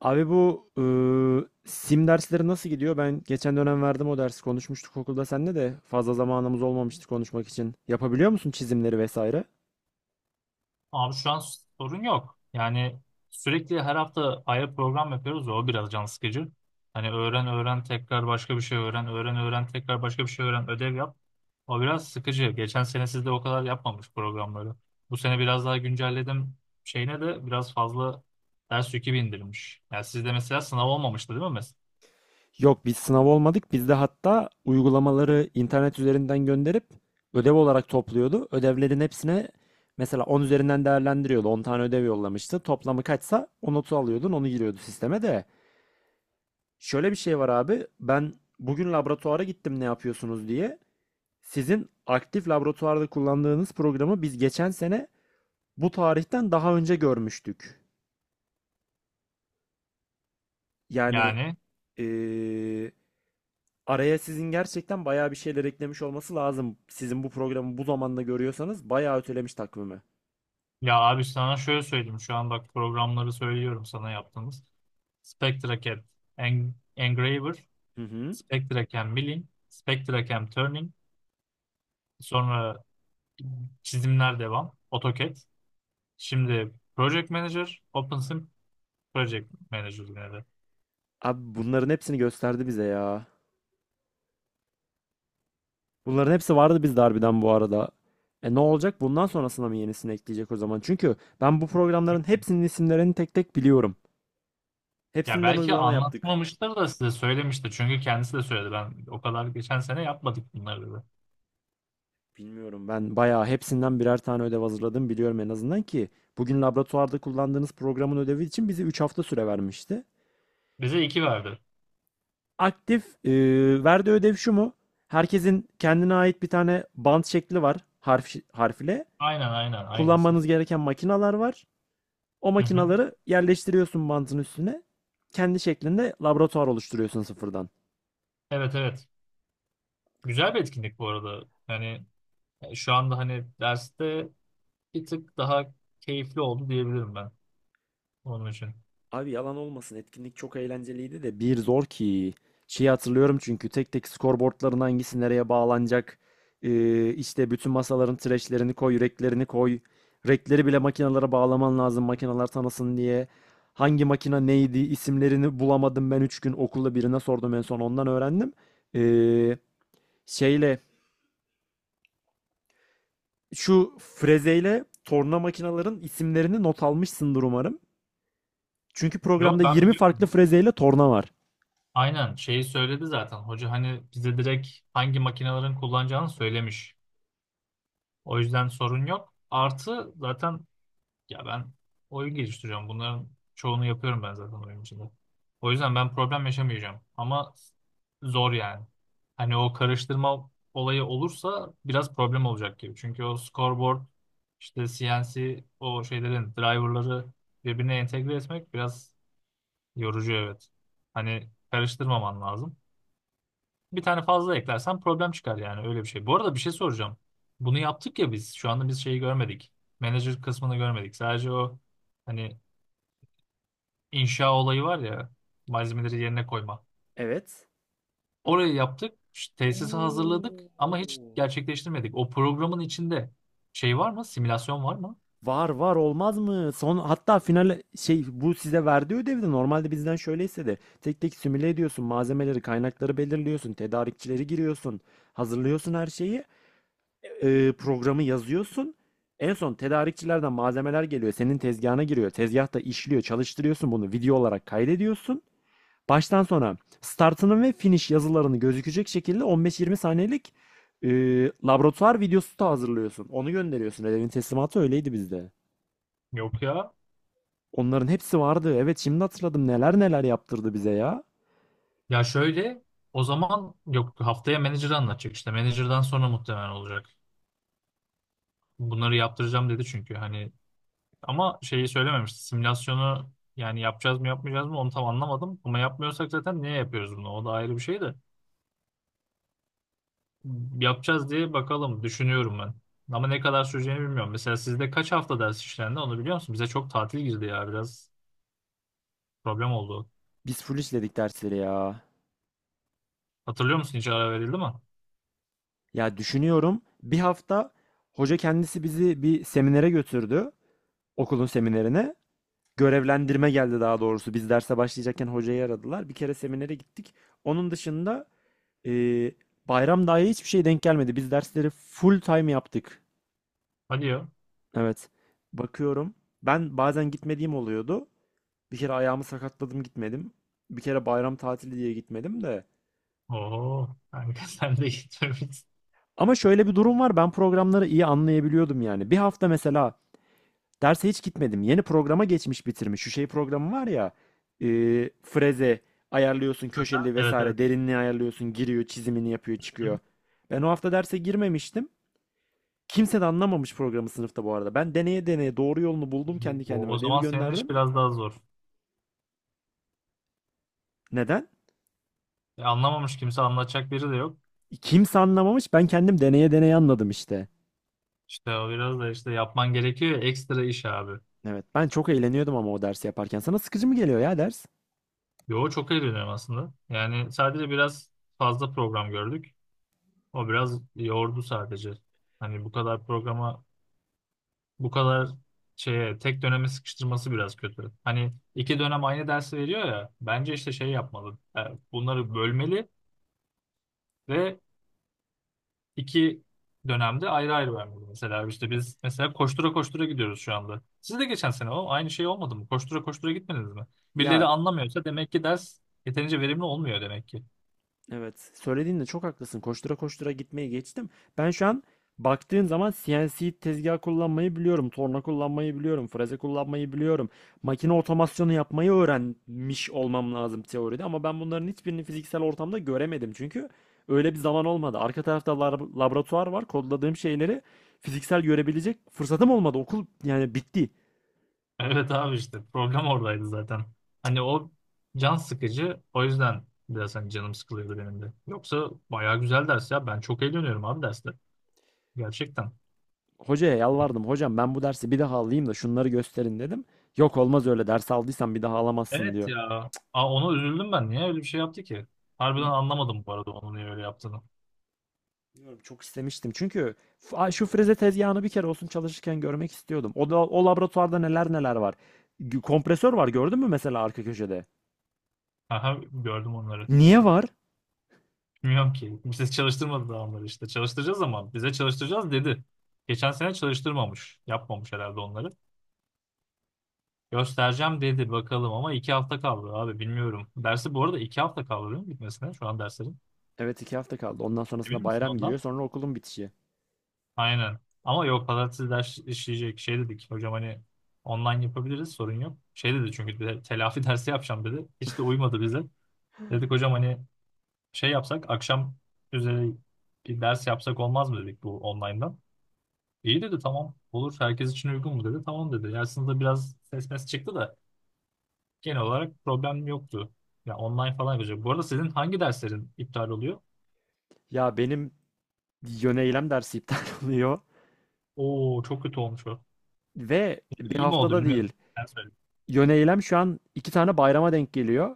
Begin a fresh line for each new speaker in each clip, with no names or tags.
Abi bu sim dersleri nasıl gidiyor? Ben geçen dönem verdim o dersi. Konuşmuştuk okulda seninle de fazla zamanımız olmamıştı konuşmak için. Yapabiliyor musun çizimleri vesaire?
Abi şu an sorun yok. Yani sürekli her hafta ayrı program yapıyoruz. Ya, o biraz can sıkıcı. Hani öğren öğren tekrar başka bir şey öğren. Öğren öğren tekrar başka bir şey öğren. Ödev yap. O biraz sıkıcı. Geçen sene sizde o kadar yapmamış programları. Bu sene biraz daha güncelledim. Şeyine de biraz fazla ders yükü bindirmiş. Yani sizde mesela sınav olmamıştı değil mi?
Yok biz sınav olmadık. Biz de hatta uygulamaları internet üzerinden gönderip ödev olarak topluyordu. Ödevlerin hepsine mesela 10 üzerinden değerlendiriyordu. 10 tane ödev yollamıştı. Toplamı kaçsa o notu alıyordun, onu giriyordu sisteme de. Şöyle bir şey var abi. Ben bugün laboratuvara gittim ne yapıyorsunuz diye. Sizin aktif laboratuvarda kullandığınız programı biz geçen sene bu tarihten daha önce görmüştük. Yani
Yani
eee, araya sizin gerçekten bayağı bir şeyler eklemiş olması lazım. Sizin bu programı bu zamanda görüyorsanız bayağı ötelemiş takvimi.
ya abi sana şöyle söyleyeyim. Şu an bak programları söylüyorum sana yaptığımız. Spectra CAD, Engraver.
Hı hı.
Spectra Cam Milling, Spectra Cam Turning, sonra çizimler devam, AutoCAD. Şimdi Project Manager, OpenSim Project Manager yine de.
Abi bunların hepsini gösterdi bize ya. Bunların hepsi vardı bizde harbiden bu arada. E ne olacak? Bundan sonrasına mı yenisini ekleyecek o zaman? Çünkü ben bu programların hepsinin isimlerini tek tek biliyorum.
Ya
Hepsinden
belki
uygulama yaptık.
anlatmamıştır da size söylemiştir. Çünkü kendisi de söyledi. Ben o kadar geçen sene yapmadık bunları dedi.
Bilmiyorum, ben bayağı hepsinden birer tane ödev hazırladım biliyorum en azından ki bugün laboratuvarda kullandığınız programın ödevi için bize 3 hafta süre vermişti.
Bize iki verdi.
Aktif verdiği ödev şu mu? Herkesin kendine ait bir tane bant şekli var, harf harf ile.
Aynen aynen aynısı.
Kullanmanız gereken makinalar var. O
Hı hı.
makinaları yerleştiriyorsun bantın üstüne. Kendi şeklinde laboratuvar oluşturuyorsun sıfırdan.
Evet evet. Güzel bir etkinlik bu arada. Yani şu anda hani derste bir tık daha keyifli oldu diyebilirim ben onun için.
Abi yalan olmasın, etkinlik çok eğlenceliydi de bir zor ki. Şeyi hatırlıyorum çünkü tek tek skorboardların hangisi nereye bağlanacak. İşte bütün masaların trashlerini koy, reklerini koy. Rekleri bile makinalara bağlaman lazım, makineler tanısın diye. Hangi makina neydi isimlerini bulamadım, ben 3 gün okulda birine sordum, en son ondan öğrendim. Ee, şeyle Şu frezeyle torna makinaların isimlerini not almışsındır umarım. Çünkü programda
Yok ben
20 farklı
biliyorum.
frezeyle torna var.
Aynen şeyi söyledi zaten. Hoca hani bize direkt hangi makinelerin kullanacağını söylemiş. O yüzden sorun yok. Artı zaten ya ben oyun geliştiriyorum. Bunların çoğunu yapıyorum ben zaten oyun içinde. O yüzden ben problem yaşamayacağım. Ama zor yani. Hani o karıştırma olayı olursa biraz problem olacak gibi. Çünkü o scoreboard işte CNC o şeylerin driverları birbirine entegre etmek biraz yorucu evet. Hani karıştırmaman lazım. Bir tane fazla eklersen problem çıkar yani öyle bir şey. Bu arada bir şey soracağım. Bunu yaptık ya biz. Şu anda biz şeyi görmedik. Manager kısmını görmedik. Sadece o hani inşa olayı var ya, malzemeleri yerine koyma.
Evet.
Orayı yaptık. İşte tesisi hazırladık ama hiç
Oo.
gerçekleştirmedik. O programın içinde şey var mı? Simülasyon var mı?
Var, var olmaz mı? Son, hatta final şey bu size verdiği ödevde normalde bizden şöyleyse de tek tek simüle ediyorsun malzemeleri, kaynakları belirliyorsun, tedarikçileri giriyorsun, hazırlıyorsun her şeyi, programı yazıyorsun. En son tedarikçilerden malzemeler geliyor, senin tezgahına giriyor. Tezgahta işliyor, çalıştırıyorsun bunu, video olarak kaydediyorsun. Baştan sona startının ve finish yazılarını gözükecek şekilde 15-20 saniyelik e, laboratuvar videosu da hazırlıyorsun. Onu gönderiyorsun. Ödevin teslimatı öyleydi bizde.
Yok ya.
Onların hepsi vardı. Evet, şimdi hatırladım. Neler neler yaptırdı bize ya.
Ya şöyle, o zaman yok haftaya manager'ı anlatacak işte. Manager'dan sonra muhtemelen olacak. Bunları yaptıracağım dedi çünkü. Hani, ama şeyi söylememişti. Simülasyonu yani yapacağız mı yapmayacağız mı onu tam anlamadım. Ama yapmıyorsak zaten niye yapıyoruz bunu? O da ayrı bir şey de. Yapacağız diye bakalım düşünüyorum ben. Ama ne kadar süreceğini bilmiyorum. Mesela sizde kaç hafta ders işlendi onu biliyor musun? Bize çok tatil girdi ya, biraz problem oldu.
Biz full işledik dersleri ya.
Hatırlıyor musun hiç ara verildi mi?
Ya düşünüyorum, bir hafta hoca kendisi bizi bir seminere götürdü. Okulun seminerine. Görevlendirme geldi daha doğrusu. Biz derse başlayacakken hocayı aradılar. Bir kere seminere gittik. Onun dışında Ee, bayram dahi hiçbir şey denk gelmedi. Biz dersleri full time yaptık.
Hadi ya.
Evet. Bakıyorum. Ben bazen gitmediğim oluyordu. Bir kere ayağımı sakatladım, gitmedim. Bir kere bayram tatili diye gitmedim de.
Oo, kanka, sen de gitmemişsin.
Ama şöyle bir durum var. Ben programları iyi anlayabiliyordum yani. Bir hafta mesela derse hiç gitmedim. Yeni programa geçmiş, bitirmiş. Şu şey programı var ya. E, Freze ayarlıyorsun köşeli
Evet evet.
vesaire. Derinliği ayarlıyorsun. Giriyor, çizimini yapıyor, çıkıyor. Ben o hafta derse girmemiştim. Kimse de anlamamış programı sınıfta bu arada. Ben deneye deneye doğru yolunu buldum kendi
O
kendime.
o
Ödevi
zaman senin iş
gönderdim.
biraz daha zor.
Neden?
E, anlamamış, kimse anlatacak biri de yok.
Kimse anlamamış. Ben kendim deneye deneye anladım işte.
İşte o biraz da işte yapman gerekiyor ya, ekstra iş abi.
Evet. Ben çok eğleniyordum ama o dersi yaparken. Sana sıkıcı mı geliyor ya ders?
Yo, çok eğleniyorum aslında. Yani sadece biraz fazla program gördük. O biraz yordu sadece. Hani bu kadar programa, bu kadar şeye tek döneme sıkıştırması biraz kötü. Hani 2 dönem aynı dersi veriyor ya. Bence işte şey yapmalı. Bunları bölmeli ve 2 dönemde ayrı ayrı vermeli. Mesela işte biz mesela koştura koştura gidiyoruz şu anda. Siz de geçen sene o aynı şey olmadı mı? Koştura koştura gitmediniz mi? Birileri
Ya
anlamıyorsa demek ki ders yeterince verimli olmuyor demek ki.
evet. Söylediğinde çok haklısın. Koştura koştura gitmeyi geçtim. Ben şu an baktığın zaman CNC tezgah kullanmayı biliyorum. Torna kullanmayı biliyorum. Freze kullanmayı biliyorum. Makine otomasyonu yapmayı öğrenmiş olmam lazım teoride. Ama ben bunların hiçbirini fiziksel ortamda göremedim. Çünkü öyle bir zaman olmadı. Arka tarafta laboratuvar var. Kodladığım şeyleri fiziksel görebilecek fırsatım olmadı. Okul yani bitti.
Evet abi, işte problem oradaydı zaten. Hani o can sıkıcı, o yüzden biraz hani canım sıkılıyordu benim de. Yoksa bayağı güzel ders ya, ben çok eğleniyorum abi derste gerçekten.
Hocaya yalvardım. Hocam, ben bu dersi bir daha alayım da şunları gösterin dedim. Yok olmaz öyle. Ders aldıysan bir daha alamazsın
Evet
diyor.
ya. Aa, ona üzüldüm ben. Niye öyle bir şey yaptı ki? Harbiden anlamadım bu arada onun niye öyle yaptığını.
Bilmiyorum, çok istemiştim. Çünkü şu freze tezgahını bir kere olsun çalışırken görmek istiyordum. O da o laboratuvarda neler neler var. Kompresör var, gördün mü mesela arka köşede?
Aha, gördüm onları.
Niye var?
Bilmiyorum ki. Bize çalıştırmadı daha onları işte. Çalıştıracağız, ama bize çalıştıracağız dedi. Geçen sene çalıştırmamış. Yapmamış herhalde onları. Göstereceğim dedi bakalım, ama 2 hafta kaldı abi bilmiyorum. Dersi bu arada 2 hafta kaldı değil mi bitmesine şu an derslerin?
Evet, 2 hafta kaldı. Ondan
Emin
sonrasında
misin
bayram
ondan?
giriyor. Sonra okulun bitişi.
Aynen. Ama yok pazartesi ders işleyecek şey dedik. Hocam hani online yapabiliriz sorun yok. Şey dedi çünkü bir de, telafi dersi yapacağım dedi. Hiç de uymadı bize. Dedik hocam hani şey yapsak akşam üzeri bir ders yapsak olmaz mı dedik bu online'dan. İyi dedi, tamam olur herkes için uygun mu dedi. Tamam dedi. Yani sınıfta biraz ses mes çıktı da genel olarak problem yoktu. Ya online falan yapacak. Bu arada sizin hangi derslerin iptal oluyor?
Ya benim yöneylem dersi iptal oluyor.
Oo, çok kötü olmuş o.
Ve bir
İyi mi oldu
haftada
bilmiyorum.
değil.
Ben söyleyeyim.
Yöneylem şu an 2 tane bayrama denk geliyor.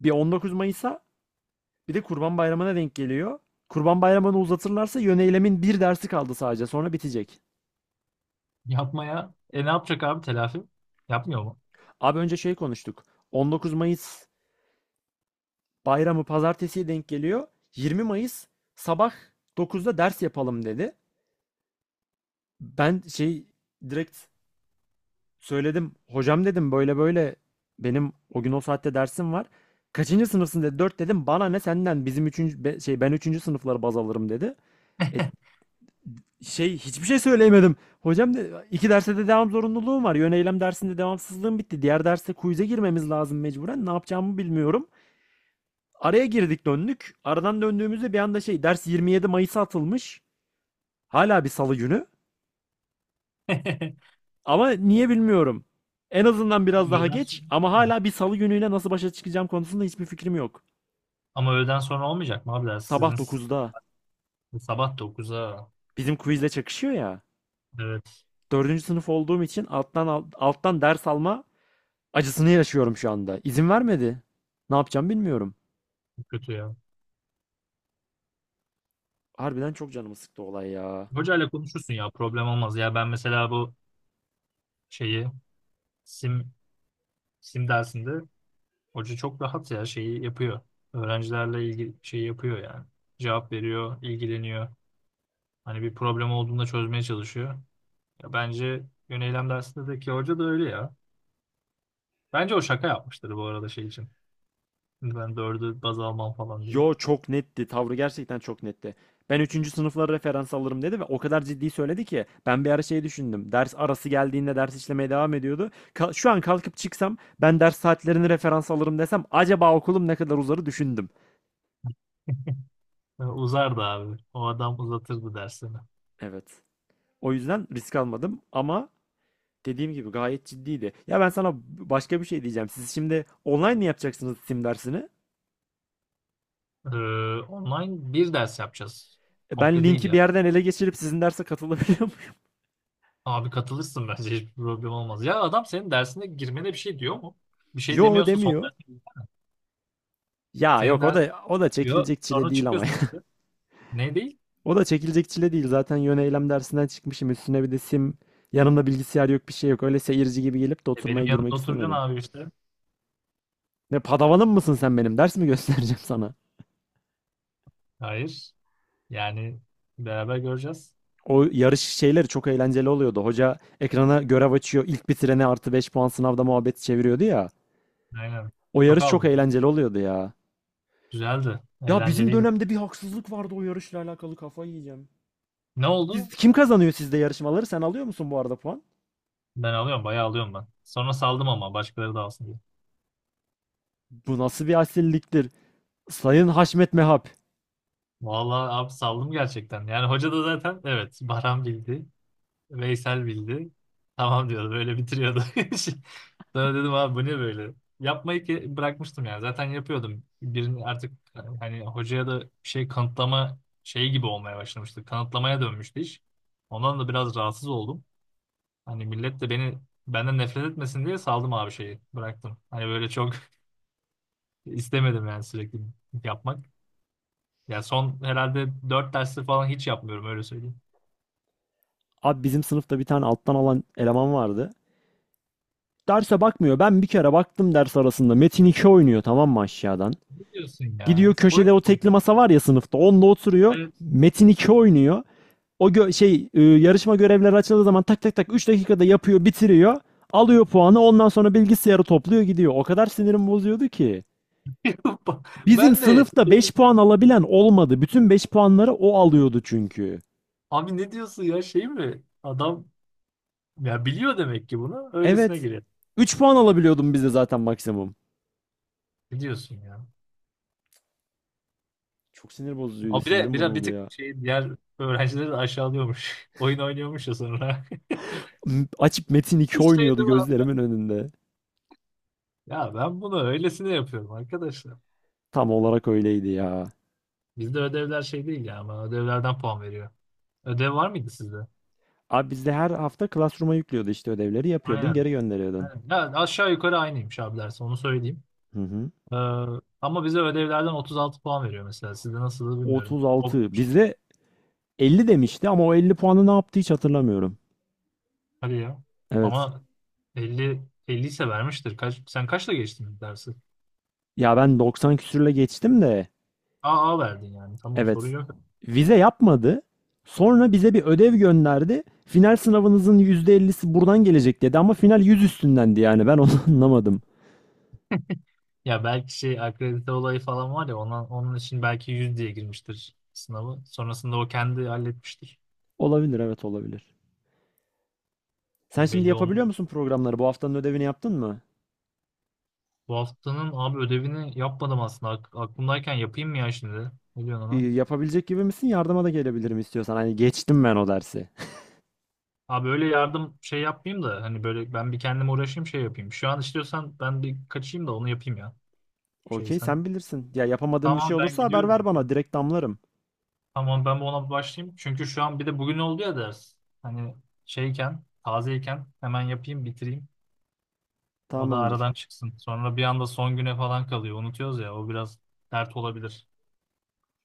Bir 19 Mayıs'a, bir de Kurban Bayramı'na denk geliyor. Kurban Bayramı'nı uzatırlarsa yöneylemin bir dersi kaldı sadece. Sonra bitecek.
Yapmaya. E ne yapacak abi telafi? Yapmıyor mu?
Abi önce şey konuştuk. 19 Mayıs bayramı pazartesiye denk geliyor. 20 Mayıs sabah 9'da ders yapalım dedi. Ben şey direkt söyledim. Hocam dedim, böyle böyle benim o gün o saatte dersim var. Kaçıncı sınıfsın dedi. Dört dedim. Bana ne senden, bizim 3. şey, ben üçüncü sınıfları baz alırım dedi. E, şey hiçbir şey söyleyemedim. Hocam de, iki derste de devam zorunluluğum var. Yön eylem dersinde devamsızlığım bitti. Diğer derste quiz'e girmemiz lazım mecburen. Ne yapacağımı bilmiyorum. Araya girdik, döndük. Aradan döndüğümüzde bir anda şey ders 27 Mayıs'a atılmış. Hala bir salı günü. Ama niye bilmiyorum. En azından biraz
Ama
daha
öğleden sonra
geç ama
değil mi?
hala bir salı günüyle nasıl başa çıkacağım konusunda hiçbir fikrim yok.
Ama öğleden sonra olmayacak mı abi ders?
Sabah dokuzda.
Sabah 9'a.
Bizim quizle çakışıyor ya.
Evet.
Dördüncü sınıf olduğum için alttan alttan ders alma acısını yaşıyorum şu anda. İzin vermedi. Ne yapacağım bilmiyorum.
Çok kötü ya.
Harbiden çok canımı sıktı olay ya.
Hocayla konuşursun ya. Problem olmaz. Ya ben mesela bu şeyi sim sim dersinde. Hoca çok rahat ya şeyi yapıyor. Öğrencilerle ilgili şey yapıyor yani. Cevap veriyor, ilgileniyor. Hani bir problem olduğunda çözmeye çalışıyor. Ya bence yön eylem dersindeki hoca da öyle ya. Bence o şaka yapmıştır bu arada şey için. Şimdi ben dördü baz almam falan diye.
Yo, çok netti. Tavrı gerçekten çok netti. Ben üçüncü sınıflara referans alırım dedi ve o kadar ciddi söyledi ki ben bir ara şey düşündüm. Ders arası geldiğinde ders işlemeye devam ediyordu. Şu an kalkıp çıksam ben ders saatlerini referans alırım desem acaba okulum ne kadar uzarı düşündüm.
Ya uzardı abi. O adam uzatırdı dersini.
Evet. O yüzden risk almadım ama dediğim gibi gayet ciddiydi. Ya ben sana başka bir şey diyeceğim. Siz şimdi online mi yapacaksınız sim dersini?
Ee, Online bir ders yapacağız.
Ben
Komple değil
linki bir
ya.
yerden ele geçirip sizin derse katılabiliyor muyum?
Abi katılırsın bence, hiçbir problem olmaz. Ya adam senin dersine girmene bir şey diyor mu? Bir şey
Yo,
demiyorsa son
demiyor.
ders.
Ya
Senin
yok, o
ders
da o da
bitiyor.
çekilecek çile
Sonra
değil ama
çıkıyorsun işte. Ne değil?
o da çekilecek çile değil. Zaten yön eylem dersinden çıkmışım. Üstüne bir de sim. Yanımda bilgisayar yok, bir şey yok. Öyle seyirci gibi gelip de
E benim
oturmaya girmek
yanımda oturacaksın
istemedim.
abi işte.
Ne padavanım mısın sen benim? Ders mi göstereceğim sana?
Hayır. Yani beraber göreceğiz.
O yarış şeyleri çok eğlenceli oluyordu. Hoca ekrana görev açıyor. İlk bitirene artı 5 puan sınavda muhabbet çeviriyordu ya.
Aynen.
O
Çok
yarış çok
aldım.
eğlenceli oluyordu ya.
Güzeldi.
Ya bizim
Eğlenceliydi.
dönemde bir haksızlık vardı o yarışla alakalı, kafayı yiyeceğim.
Ne
Siz,
oldu?
kim kazanıyor sizde yarışmaları? Sen alıyor musun bu arada puan?
Ben alıyorum. Bayağı alıyorum ben. Sonra saldım ama başkaları da alsın diye.
Bu nasıl bir asilliktir? Sayın Haşmet Mehap.
Vallahi abi saldım gerçekten. Yani hoca da zaten evet Baran bildi. Veysel bildi. Tamam diyordu. Böyle bitiriyordu. Sonra dedim abi bu ne böyle? Yapmayı ki bırakmıştım yani. Zaten yapıyordum. Birini artık hani hocaya da bir şey kanıtlama şeyi gibi olmaya başlamıştı. Kanıtlamaya dönmüştü iş. Ondan da biraz rahatsız oldum. Hani millet de beni benden nefret etmesin diye saldım abi şeyi. Bıraktım. Hani böyle çok istemedim yani sürekli yapmak. Ya son herhalde 4 derstir falan hiç yapmıyorum, öyle söyleyeyim.
Abi bizim sınıfta bir tane alttan alan eleman vardı. Derse bakmıyor. Ben bir kere baktım ders arasında. Metin Metin2 oynuyor, tamam mı, aşağıdan.
Ne diyorsun ya?
Gidiyor,
Oyun
köşede
mu
o tekli
oynadın?
masa var ya sınıfta. Onda oturuyor. Metin Metin2 oynuyor. O yarışma görevleri açıldığı zaman tak tak tak 3 dakikada yapıyor, bitiriyor. Alıyor puanı. Ondan sonra bilgisayarı topluyor, gidiyor. O kadar sinirim bozuyordu ki. Bizim
Ben de
sınıfta 5
şey,
puan alabilen olmadı. Bütün 5 puanları o alıyordu çünkü.
abi ne diyorsun ya şey mi? Adam ya biliyor demek ki bunu. Öylesine
Evet.
giriyor.
3 puan alabiliyordum bize zaten maksimum.
Ne diyorsun ya?
Çok sinir bozucuydu.
Abi bir de
Sinirim
bir
bozuldu
tık
ya.
şey diğer öğrencileri de aşağılıyormuş. Oyun oynuyormuş ya sonra.
Açıp Metin 2
Hiç şey
oynuyordu
değil mi abi?
gözlerimin önünde.
Ya ben bunu öylesine yapıyorum arkadaşlar.
Tam olarak öyleydi ya.
Bizde ödevler şey değil ya, ama ödevlerden puan veriyor. Ödev var mıydı sizde?
Abi bizde her hafta Classroom'a yüklüyordu, işte ödevleri yapıyordun,
Aynen.
geri gönderiyordun.
Aynen. Ya aşağı yukarı aynıymış abi ders, onu söyleyeyim.
Hı hı.
Ee, Ama bize ödevlerden 36 puan veriyor mesela. Sizde nasıl bilmiyorum. Ok,
36. Bizde 50 demişti ama o 50 puanı ne yaptı hiç hatırlamıyorum.
hadi ya.
Evet.
Ama 50 50 ise vermiştir. Kaç, sen kaçla geçtin dersi?
Ya ben 90 küsürle geçtim de.
AA verdin yani. Tamam
Evet.
sorun yok.
Vize yapmadı. Sonra bize bir ödev gönderdi. Final sınavınızın %50'si buradan gelecek dedi ama final 100 üstündendi yani ben onu anlamadım.
Ya belki şey akredite olayı falan var ya ona, onun için belki 100 diye girmiştir sınavı. Sonrasında o kendi halletmiştir.
Olabilir, evet, olabilir. Sen
Ya
şimdi
belli
yapabiliyor
olmadı.
musun programları? Bu haftanın ödevini yaptın mı?
Bu haftanın abi ödevini yapmadım aslında. Aklımdayken yapayım mı ya şimdi? Ne diyorsun ona?
Yapabilecek gibi misin? Yardıma da gelebilirim istiyorsan. Hani geçtim ben o dersi.
Abi böyle yardım şey yapmayayım da hani böyle ben bir kendime uğraşayım şey yapayım. Şu an istiyorsan ben bir kaçayım da onu yapayım ya. Şey
Okey,
sen.
sen bilirsin. Ya yapamadığım bir
Tamam
şey
abi ben
olursa haber
gidiyorum, ya.
ver bana. Direkt damlarım.
Tamam ben bu ona bir başlayayım. Çünkü şu an bir de bugün oldu ya ders. Hani şeyken, tazeyken hemen yapayım, bitireyim. O da
Tamamdır.
aradan çıksın. Sonra bir anda son güne falan kalıyor. Unutuyoruz ya, o biraz dert olabilir.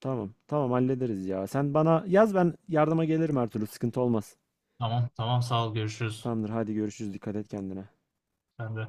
Tamam. Tamam, hallederiz ya. Sen bana yaz, ben yardıma gelirim her türlü. Sıkıntı olmaz.
Tamam tamam, sağ ol, görüşürüz.
Tamamdır. Hadi görüşürüz. Dikkat et kendine.
Sen de.